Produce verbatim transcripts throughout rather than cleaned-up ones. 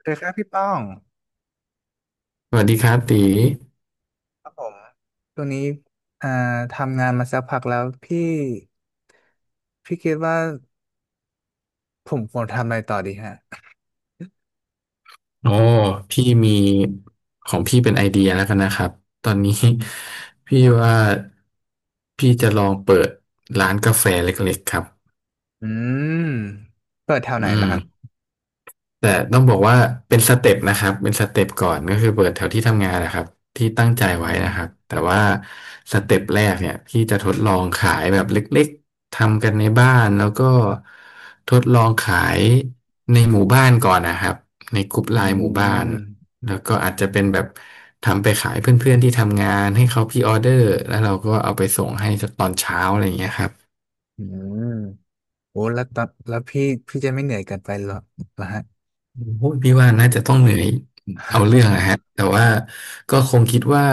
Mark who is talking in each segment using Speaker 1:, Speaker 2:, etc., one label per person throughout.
Speaker 1: เคยครับพี่ป้อง
Speaker 2: สวัสดีครับตี
Speaker 1: ครับผมตัวนี้อ่าทำงานมาสักพักแล้วพี่พี่คิดว่าผมควรทำอะไรต่อดีฮะ
Speaker 2: โอ้พี่มีของพี่เป็นไอเดียแล้วกันนะครับ ตอนนี้
Speaker 1: อืม
Speaker 2: พี่ว่าพี่จะลองเปิดร้านกาแฟเล็กๆครับ
Speaker 1: อืมเปิดแถว
Speaker 2: อื
Speaker 1: ไหนล่ะ
Speaker 2: ม
Speaker 1: ครับ
Speaker 2: แต่ต้องบอกว่าเป็นสเต็ปนะครับเป็นสเต็ปก่อนก็คือเปิดแถวที่ทำงานนะครับที่ตั้งใจ
Speaker 1: อื
Speaker 2: ไว้นะครับ
Speaker 1: ม
Speaker 2: แต่ว่าสเต็ปแรกเนี่ยพี่จะทดลองขายแบบเล็กๆทำกันในบ้านแล้วก็ทดลองขายในหมู่บ้านก่อนนะครับในกลุ่ม
Speaker 1: อื
Speaker 2: ไลน์หมู่บ้าน
Speaker 1: ม
Speaker 2: แล้วก็อาจจะเป็นแบบทำไปขายเพื่อนๆที่ทำงานให้เขาพรีออเดอร์แล้วเราก็เอาไปส่งให้ตอนเช้าอะไรอย่างเงี้ยครับ
Speaker 1: อืม โอ้แล้วตอนแล้วพี่พี่จะไม่เหนื่อยเกินไปหรอเหรอฮะ
Speaker 2: พพี่ว่าน่าจะต้องเหนื่อยเอาเรื่องนะ ฮะแต่ว่าก็คงคิดว่า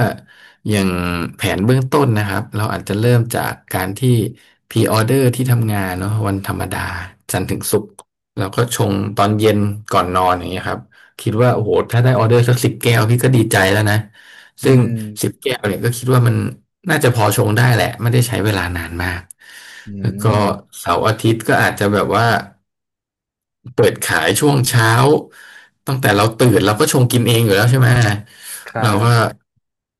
Speaker 2: อย่างแผนเบื้องต้นนะครับเราอาจจะเริ่มจากการที่พรีออเดอร์ที่ทำงานเนาะวันธรรมดาจันทร์ถึงศุกร์เราก็ชงตอนเย็นก่อนนอนอย่างเงี้ยครับคิดว่าโอ้โหถ้าได้ออเดอร์สักสิบแก้วพี่ก็ดีใจแล้วนะ
Speaker 1: อื
Speaker 2: ซึ่งสิบ
Speaker 1: ม
Speaker 2: แก้วเนี่ยก็คิดว่ามันน่าจะพอชงได้แหละไม่ได้ใช้เวลานานมาก
Speaker 1: อื
Speaker 2: แล้วก็
Speaker 1: ม
Speaker 2: เสาร์อาทิตย์ก็อาจจะแบบว่าเปิดขายช่วงเช้าตั้งแต่เราตื่นเราก็ชงกินเองอยู่แล้วใช่ไหม
Speaker 1: ครั
Speaker 2: เราก็
Speaker 1: บ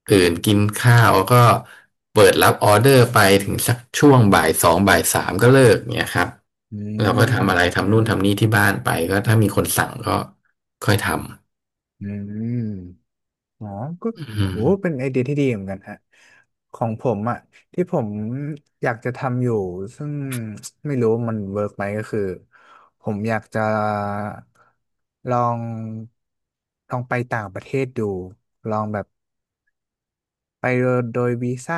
Speaker 2: ตื่นกินข้าวแล้วก็เปิดรับออเดอร์ไปถึงสักช่วงบ่ายสองบ่ายสามก็เลิกเนี่ยครับ
Speaker 1: อื
Speaker 2: เราก็ทำอะไร
Speaker 1: ม
Speaker 2: ทำนู่นทำนี่ที่บ้านไปก็ถ้ามีคนสั่งก็ค่อยท
Speaker 1: อืม อ๋อก็
Speaker 2: ำอื
Speaker 1: โห
Speaker 2: ม
Speaker 1: เป็นไอเดียที่ดีเหมือนกันฮะของผมอ่ะ ที่ผมอยากจะทำอยู่ ซึ่งไม่รู้มันเวิร์กไหมก็คือ ผมอยากจะลอง ลองไปต่างประเทศดู ลองแบบไปโดยวีซ่า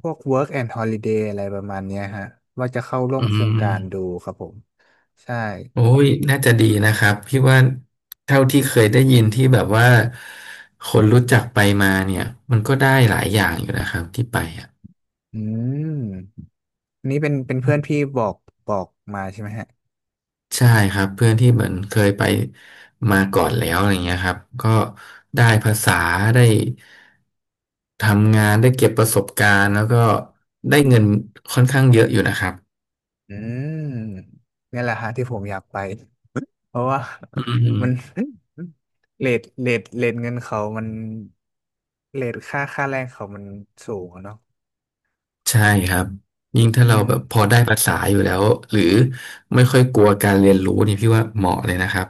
Speaker 1: พวก work and holiday อะไรประมาณเนี้ยฮะว่าจะเข้าร่วม
Speaker 2: อื
Speaker 1: โครงการดู
Speaker 2: ม
Speaker 1: ครับผม ใช่
Speaker 2: โอ้ยน่าจะดีนะครับพี่ว่าเท่าที่เคยได้ยินที่แบบว่าคนรู้จักไปมาเนี่ยมันก็ได้หลายอย่างอยู่นะครับที่ไปอ่ะ
Speaker 1: อืม นี่เป็นเป็น
Speaker 2: อื
Speaker 1: เพื่อนพี่
Speaker 2: ม
Speaker 1: บอกบอกมาใช่ไหมฮะ
Speaker 2: ใช่ครับเพื่อนที่เหมือนเคยไปมาก่อนแล้วอะไรเงี้ยครับก็ได้ภาษาได้ทำงานได้เก็บประสบการณ์แล้วก็ได้เงินค่อนข้างเยอะอยู่นะครับ
Speaker 1: อืมนี่แหละฮะที่ผมอยากไปเพราะว่า
Speaker 2: อื
Speaker 1: มัน
Speaker 2: ม
Speaker 1: เรทเรทเรทเงินเขามันเรทค่าค่าแรงเขามันสูงอะเนาะ
Speaker 2: ใช่ครับยิ่งถ้า
Speaker 1: อื
Speaker 2: เรา
Speaker 1: ม
Speaker 2: แบบพอได้ภาษาอยู่แล้วหรือไม่ค่อยกลัวการเรียนรู้นี่พี่ว่าเหมาะเลยนะครับ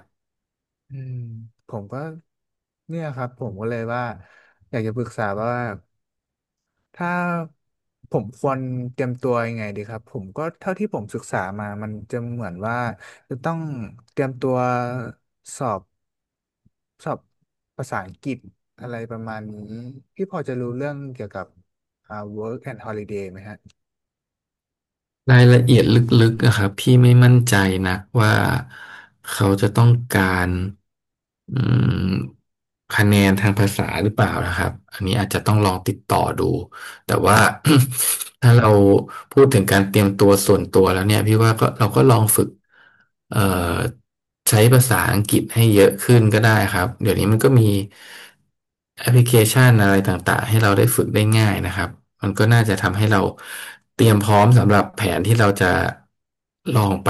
Speaker 1: อืมผมก็เนี่ยครับผมก็เลยว่าอยากจะปรึกษาว่าถ้าผมควรเตรียมตัวยังไงดีครับผมก็เท่าที่ผมศึกษามามันจะเหมือนว่าจะต้องเตรียมตัวสอบ สอบภาษาอังกฤษอะไรประมาณนี้พี่พอจะรู้เรื่องเกี่ยวกับอ่า work and holiday ไหมฮะ
Speaker 2: รายละเอียดลึกๆอะครับพี่ไม่มั่นใจนะว่าเขาจะต้องการอืมคะแนนทางภาษาหรือเปล่านะครับอันนี้อาจจะต้องลองติดต่อดู แต่ว่า ถ้าเราพูดถึงการเตรียมตัวส่วนตัวแล้วเนี่ยพี่ว่าก็เราก็ลองฝึกเอ่อใช้ภาษาอังกฤษให้เยอะขึ้นก็ได้ครับเดี๋ยวนี้มันก็มีแอปพลิเคชันอะไรต่างๆให้เราได้ฝึกได้ง่ายนะครับมันก็น่าจะทำให้เราเตรียมพร้อมสำหรับแผนที่เราจะลองไป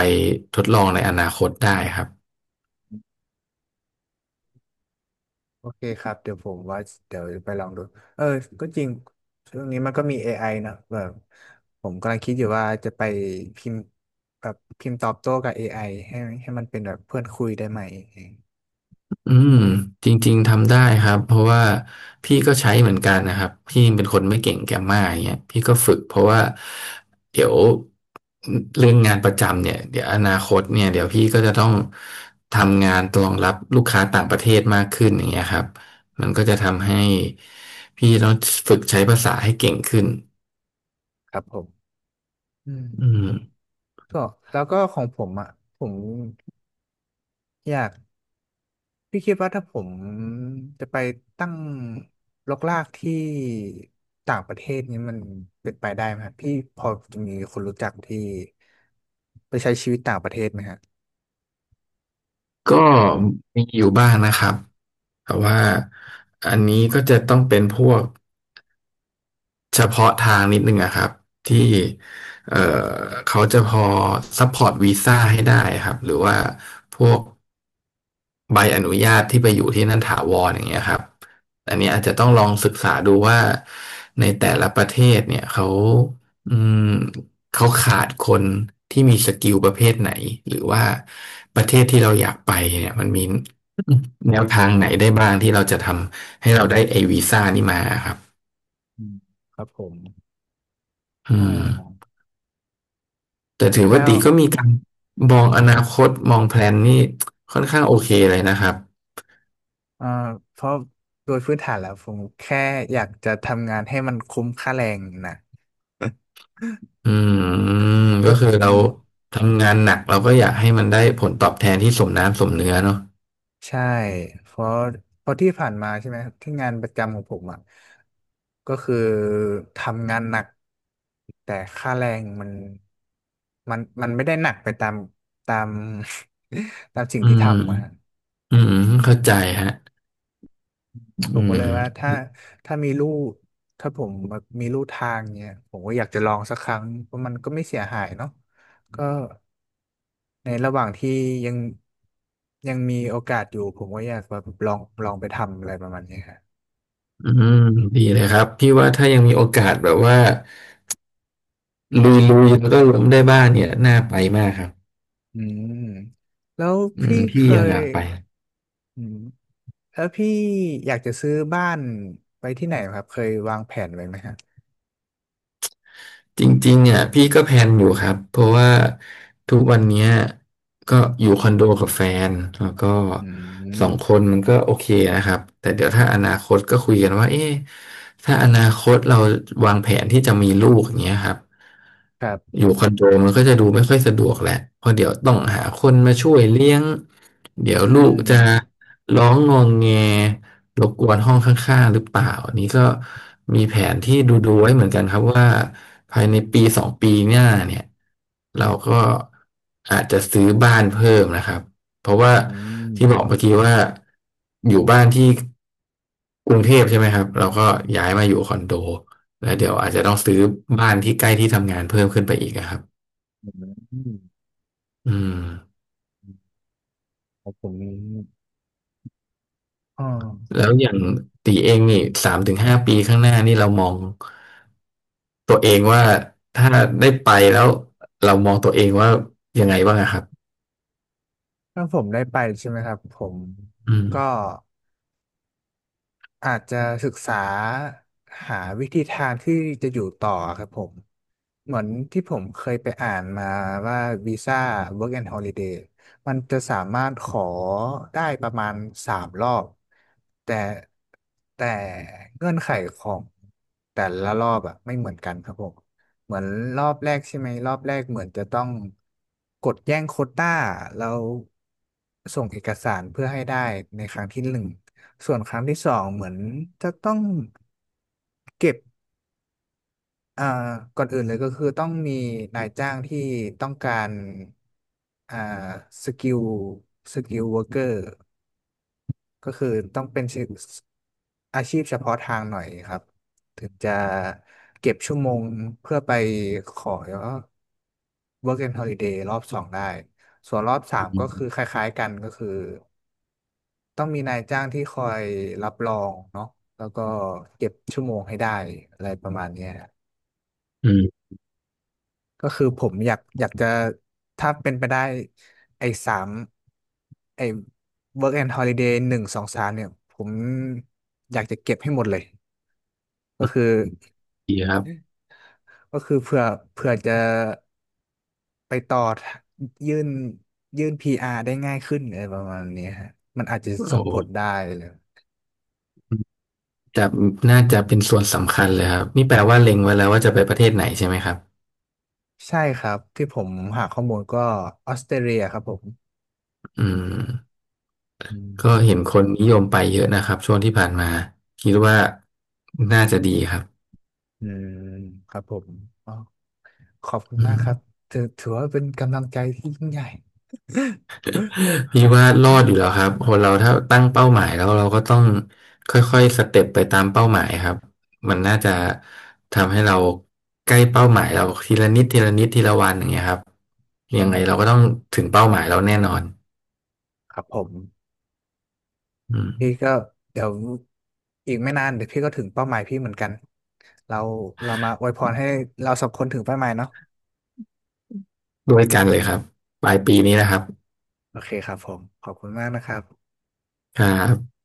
Speaker 2: ทดลองในอนาคตได้ครับ
Speaker 1: โอเคครับเดี๋ยวผมว่าเดี๋ยวไปลองดูเออก็จริงช่วงนี้มันก็มี เอ ไอ นะแบบผมกำลังคิดอยู่ว่าจะไปพิมพ์แบบพิมพ์ตอบโต้กับ เอ ไอ ให้ให้มันเป็นแบบเพื่อนคุยได้ไหม
Speaker 2: อืมจริงๆทำได้ครับเพราะว่าพี่ก็ใช้เหมือนกันนะครับพี่เป็นคนไม่เก่งแกมมาอย่างเงี้ยพี่ก็ฝึกเพราะว่าเดี๋ยวเรื่องงานประจำเนี่ยเดี๋ยวอนาคตเนี่ยเดี๋ยวพี่ก็จะต้องทำงานรองรับลูกค้าต่างประเทศมากขึ้นอย่างเงี้ยครับมันก็จะทำให้พี่ต้องฝึกใช้ภาษาให้เก่งขึ้น
Speaker 1: ครับผมอืม
Speaker 2: อืม
Speaker 1: ก็แล้วก็ของผมอ่ะผมอยาก พี่คิดว่าถ้าผมจะไปตั้งรกรากที่ต่างประเทศนี้มันเป็นไปได้ไหมครับพี่พอจะมีคนรู้จักที่ไปใช้ชีวิตต่างประเทศไหมฮะ
Speaker 2: ก็มีอยู่บ้างนะครับแต่ว่าอันนี้ก็จะต้องเป็นพวก เฉพาะทางนิดนึงอะครับที่เอ่อเขาจะพอซัพพอร์ตวีซ่าให้ได้ครับหรือว่าพวกใบอนุญาตที่ไปอยู่ที่นั่นถาวรอย่างเงี้ยครับอันนี้อาจจะต้องลองศึกษาดูว่าในแต่ละประเทศเนี่ยเขาอืมเขาขาดคนที่มีสกิลประเภทไหนหรือว่าประเทศที่เราอยากไปเนี่ยมันมีแนวทางไหนได้บ้างที่เราจะทำให้เราได้ไอวีซ่านี่มาครับ
Speaker 1: อืมครับผม
Speaker 2: อื
Speaker 1: อ๋อ
Speaker 2: ม แต่ถือ
Speaker 1: แล้
Speaker 2: ว่า
Speaker 1: ว
Speaker 2: ตีก็มีการมองอนาคตมองแพลนนี่ค่อนข้างโอเคเลยนะครับ
Speaker 1: เอ่อเพราะโดยพื้นฐานแล้วผมแค่อยากจะทำงานให้มันคุ้มค่าแรงนะ
Speaker 2: อืม
Speaker 1: ก็
Speaker 2: ก็คือ
Speaker 1: อื
Speaker 2: เรา
Speaker 1: ม
Speaker 2: ทำงานหนักเราก็อยากให้มันได้ผลตอบแทนที่สมน้ำสมเนื้อเนาะ
Speaker 1: ใช่ เพราะเพราะที่ผ่านมาใช่ไหมที่งานประจำของผมอ่ะก็คือทำงานหนัก แต่ค่าแรงมันมันมันไม่ได้หนักไปตาม ตาม ตามสิ่ง
Speaker 2: อื
Speaker 1: ที่ทำอ่ะฮะ
Speaker 2: มอืม
Speaker 1: อืม
Speaker 2: เข้าใจฮะ
Speaker 1: ผม
Speaker 2: อื
Speaker 1: ก็เลยว่า
Speaker 2: ม
Speaker 1: ถ้าถ้ามีลู่ถ้าผมมีลู่ทางเนี่ยผมก็อยากจะลองสักครั้ง เพราะมันก็ไม่เสียหายเนาะก็ในระหว่างที่ยัง ยังมีโอกาสอยู่ ผมก็อยากแบบลองลองไปทำอะไรประมาณนี้ครับ
Speaker 2: อืมดีเลยครับพี่ว่าถ้ายังมีโอกาสแบบว่าลุยๆแล้วก็ล้มได้บ้างเนี่ยน่าไปมากครับ
Speaker 1: อืมแล้ว
Speaker 2: อืม
Speaker 1: พี่เค
Speaker 2: พี่ยังอ
Speaker 1: ย
Speaker 2: ยากไป
Speaker 1: อืมแล้วพี่อยากจะซื้อบ้านไปที่ไหนครับเคยวางแผนไว้ไหมฮะ
Speaker 2: จริงๆอ่ะพี่ก็แพลนอยู่ครับเพราะว่าทุกวันเนี้ยก็อยู่คอนโดกับแฟนแล้วก็
Speaker 1: อื
Speaker 2: สองค
Speaker 1: ม
Speaker 2: นมันก็โอเคนะครับแต่เดี๋ยวถ้าอนาคตก็คุยกันว่าเอ๊ะถ้าอนาคตเราวางแผนที่จะมีลูกอย่างเงี้ยครับ
Speaker 1: ครับ
Speaker 2: อยู่คอนโดมันก็จะดูไม่ค่อยสะดวกแหละเพราะเดี๋ยวต้องหาคนมาช่วยเลี้ยงเดี๋ยว
Speaker 1: อื
Speaker 2: ลูกจะ
Speaker 1: ม
Speaker 2: ร้องงองแงรบกวนห้องข้างๆหรือเปล่าอันนี้ก็มีแผนที่ดูๆไว้เหมือนกันครับว่าภายในปีสองปีหน้าเนี่ยเราก็อาจจะซื้อบ้านเพิ่มนะครับเพราะว่า
Speaker 1: อื
Speaker 2: ที่บอก
Speaker 1: ม
Speaker 2: เมื่อกี้ว่าอยู่บ้านที่กรุงเทพใช่ไหมครับเราก็ย้ายมาอยู่คอนโดแล้วเดี๋ยวอาจจะต้องซื้อบ้านที่ใกล้ที่ทำงานเพิ่มขึ้นไปอีกอะครับ
Speaker 1: อืม
Speaker 2: อืม
Speaker 1: ครับผมอ๋อ
Speaker 2: แล้วอย่างตีเองนี่สามถึงห้าปีข้างหน้านี่เรามองตัวเองว่าถ้าได้ไปแล้วเรามองตัวเองว่ายังไงบ้างอะครับ
Speaker 1: ถ้าผมได้ไปใช่ไหมครับผม
Speaker 2: อืม
Speaker 1: ก็ อาจจะศึกษาหาวิธีทางที่จะอยู่ต่อครับผมเหมือนที่ผมเคยไปอ่านมาว่าวีซ่า Work and Holiday มันจะสามารถขอได้ประมาณสามรอบแต่แต่เงื่อนไขของแต่ละรอบอะไม่เหมือนกันครับผมเหมือนรอบแรกใช่ไหมรอบแรกเหมือนจะต้องกดแย่งโควต้าแล้วส่งเอกสารเพื่อให้ได้ในครั้งที่หนึ่ง ส่วนครั้งที่สองเหมือนจะต้องเก็บอ่าก่อนอื่นเลยก็คือต้องมีนายจ้างที่ต้องการอ่าสกิลสกิลวอร์เกอร์ก็คือต้องเป็นชื่ออาชีพเฉพาะทางหน่อยครับถึงจะเก็บชั่วโมงเพื่อไปขอ Work and Holiday รอบสองได้ส่วนรอบสามก็คือคล้ายๆกันก็คือ ต้องมีนายจ้างที่คอยรับรองเนาะแล้วก็เก็บชั่วโมงให้ได้อะไรประมาณเนี้ย
Speaker 2: อืม
Speaker 1: ก็คือผมอยากอยากจะถ้าเป็นไปได้ไอ้สามไอ้ work and holiday หนึ่งสองสามเนี่ยผมอยากจะเก็บให้หมดเลยก็คือ
Speaker 2: ดีครับ
Speaker 1: ก็คือเพื่อเพื่อจะไปต่อยื่นยื่น พี อาร์ ได้ง่ายขึ้นอะไรประมาณเนี้ยฮะมันอาจจะส่
Speaker 2: โอ้
Speaker 1: ง
Speaker 2: โห
Speaker 1: ผลได้เลย
Speaker 2: จะน่าจะเป็นส่วนสำคัญเลยครับนี่แปลว่าเล็งไว้แล้วว่าจะไปประเทศไหนใช่ไหมครับ
Speaker 1: ใช่ครับที่ผมหาข้อมูลก็ออสเตรเลียครับผม
Speaker 2: อืม
Speaker 1: อื
Speaker 2: ก็เห็
Speaker 1: ม
Speaker 2: นคนนิยมไปเยอะนะครับช่วงที่ผ่านมาคิดว่าน่าจะดีครับ
Speaker 1: อืมครับผมอ๋อขอบคุณ
Speaker 2: อื
Speaker 1: มากครับ
Speaker 2: ม
Speaker 1: ถือถือว่าเป็นกำลังใจที่ยิ่งใหญ่อ
Speaker 2: พี่ว่ารอดอยู่แล้วครับคนเราถ้าตั้งเป้าหมายแล้วเราก็ต้องค่อยๆสเต็ปไปตามเป้าหมายครับมันน่าจะทำให้เราใกล้เป้าหมายเราทีละนิดทีละนิดทีละวันอย่างเงี้ยครับ
Speaker 1: ื
Speaker 2: ยังไงเรา
Speaker 1: ม
Speaker 2: ก็ต้องถึงเป้าหมายเราแน่นอน
Speaker 1: ครับผม
Speaker 2: อืม
Speaker 1: พี่ก็เดี๋ยวอีกไม่นานเดี๋ยวพี่ก็ถึงเป้าหมายพี่เหมือนกันเราเรามาอวยพรให้เราสองคนถึงเป้าหมายเนาะ
Speaker 2: ด้วยกันเลยครับปลายปีนี้นะครับ
Speaker 1: โอเคครับผมขอบคุณมากนะครับ
Speaker 2: ครับ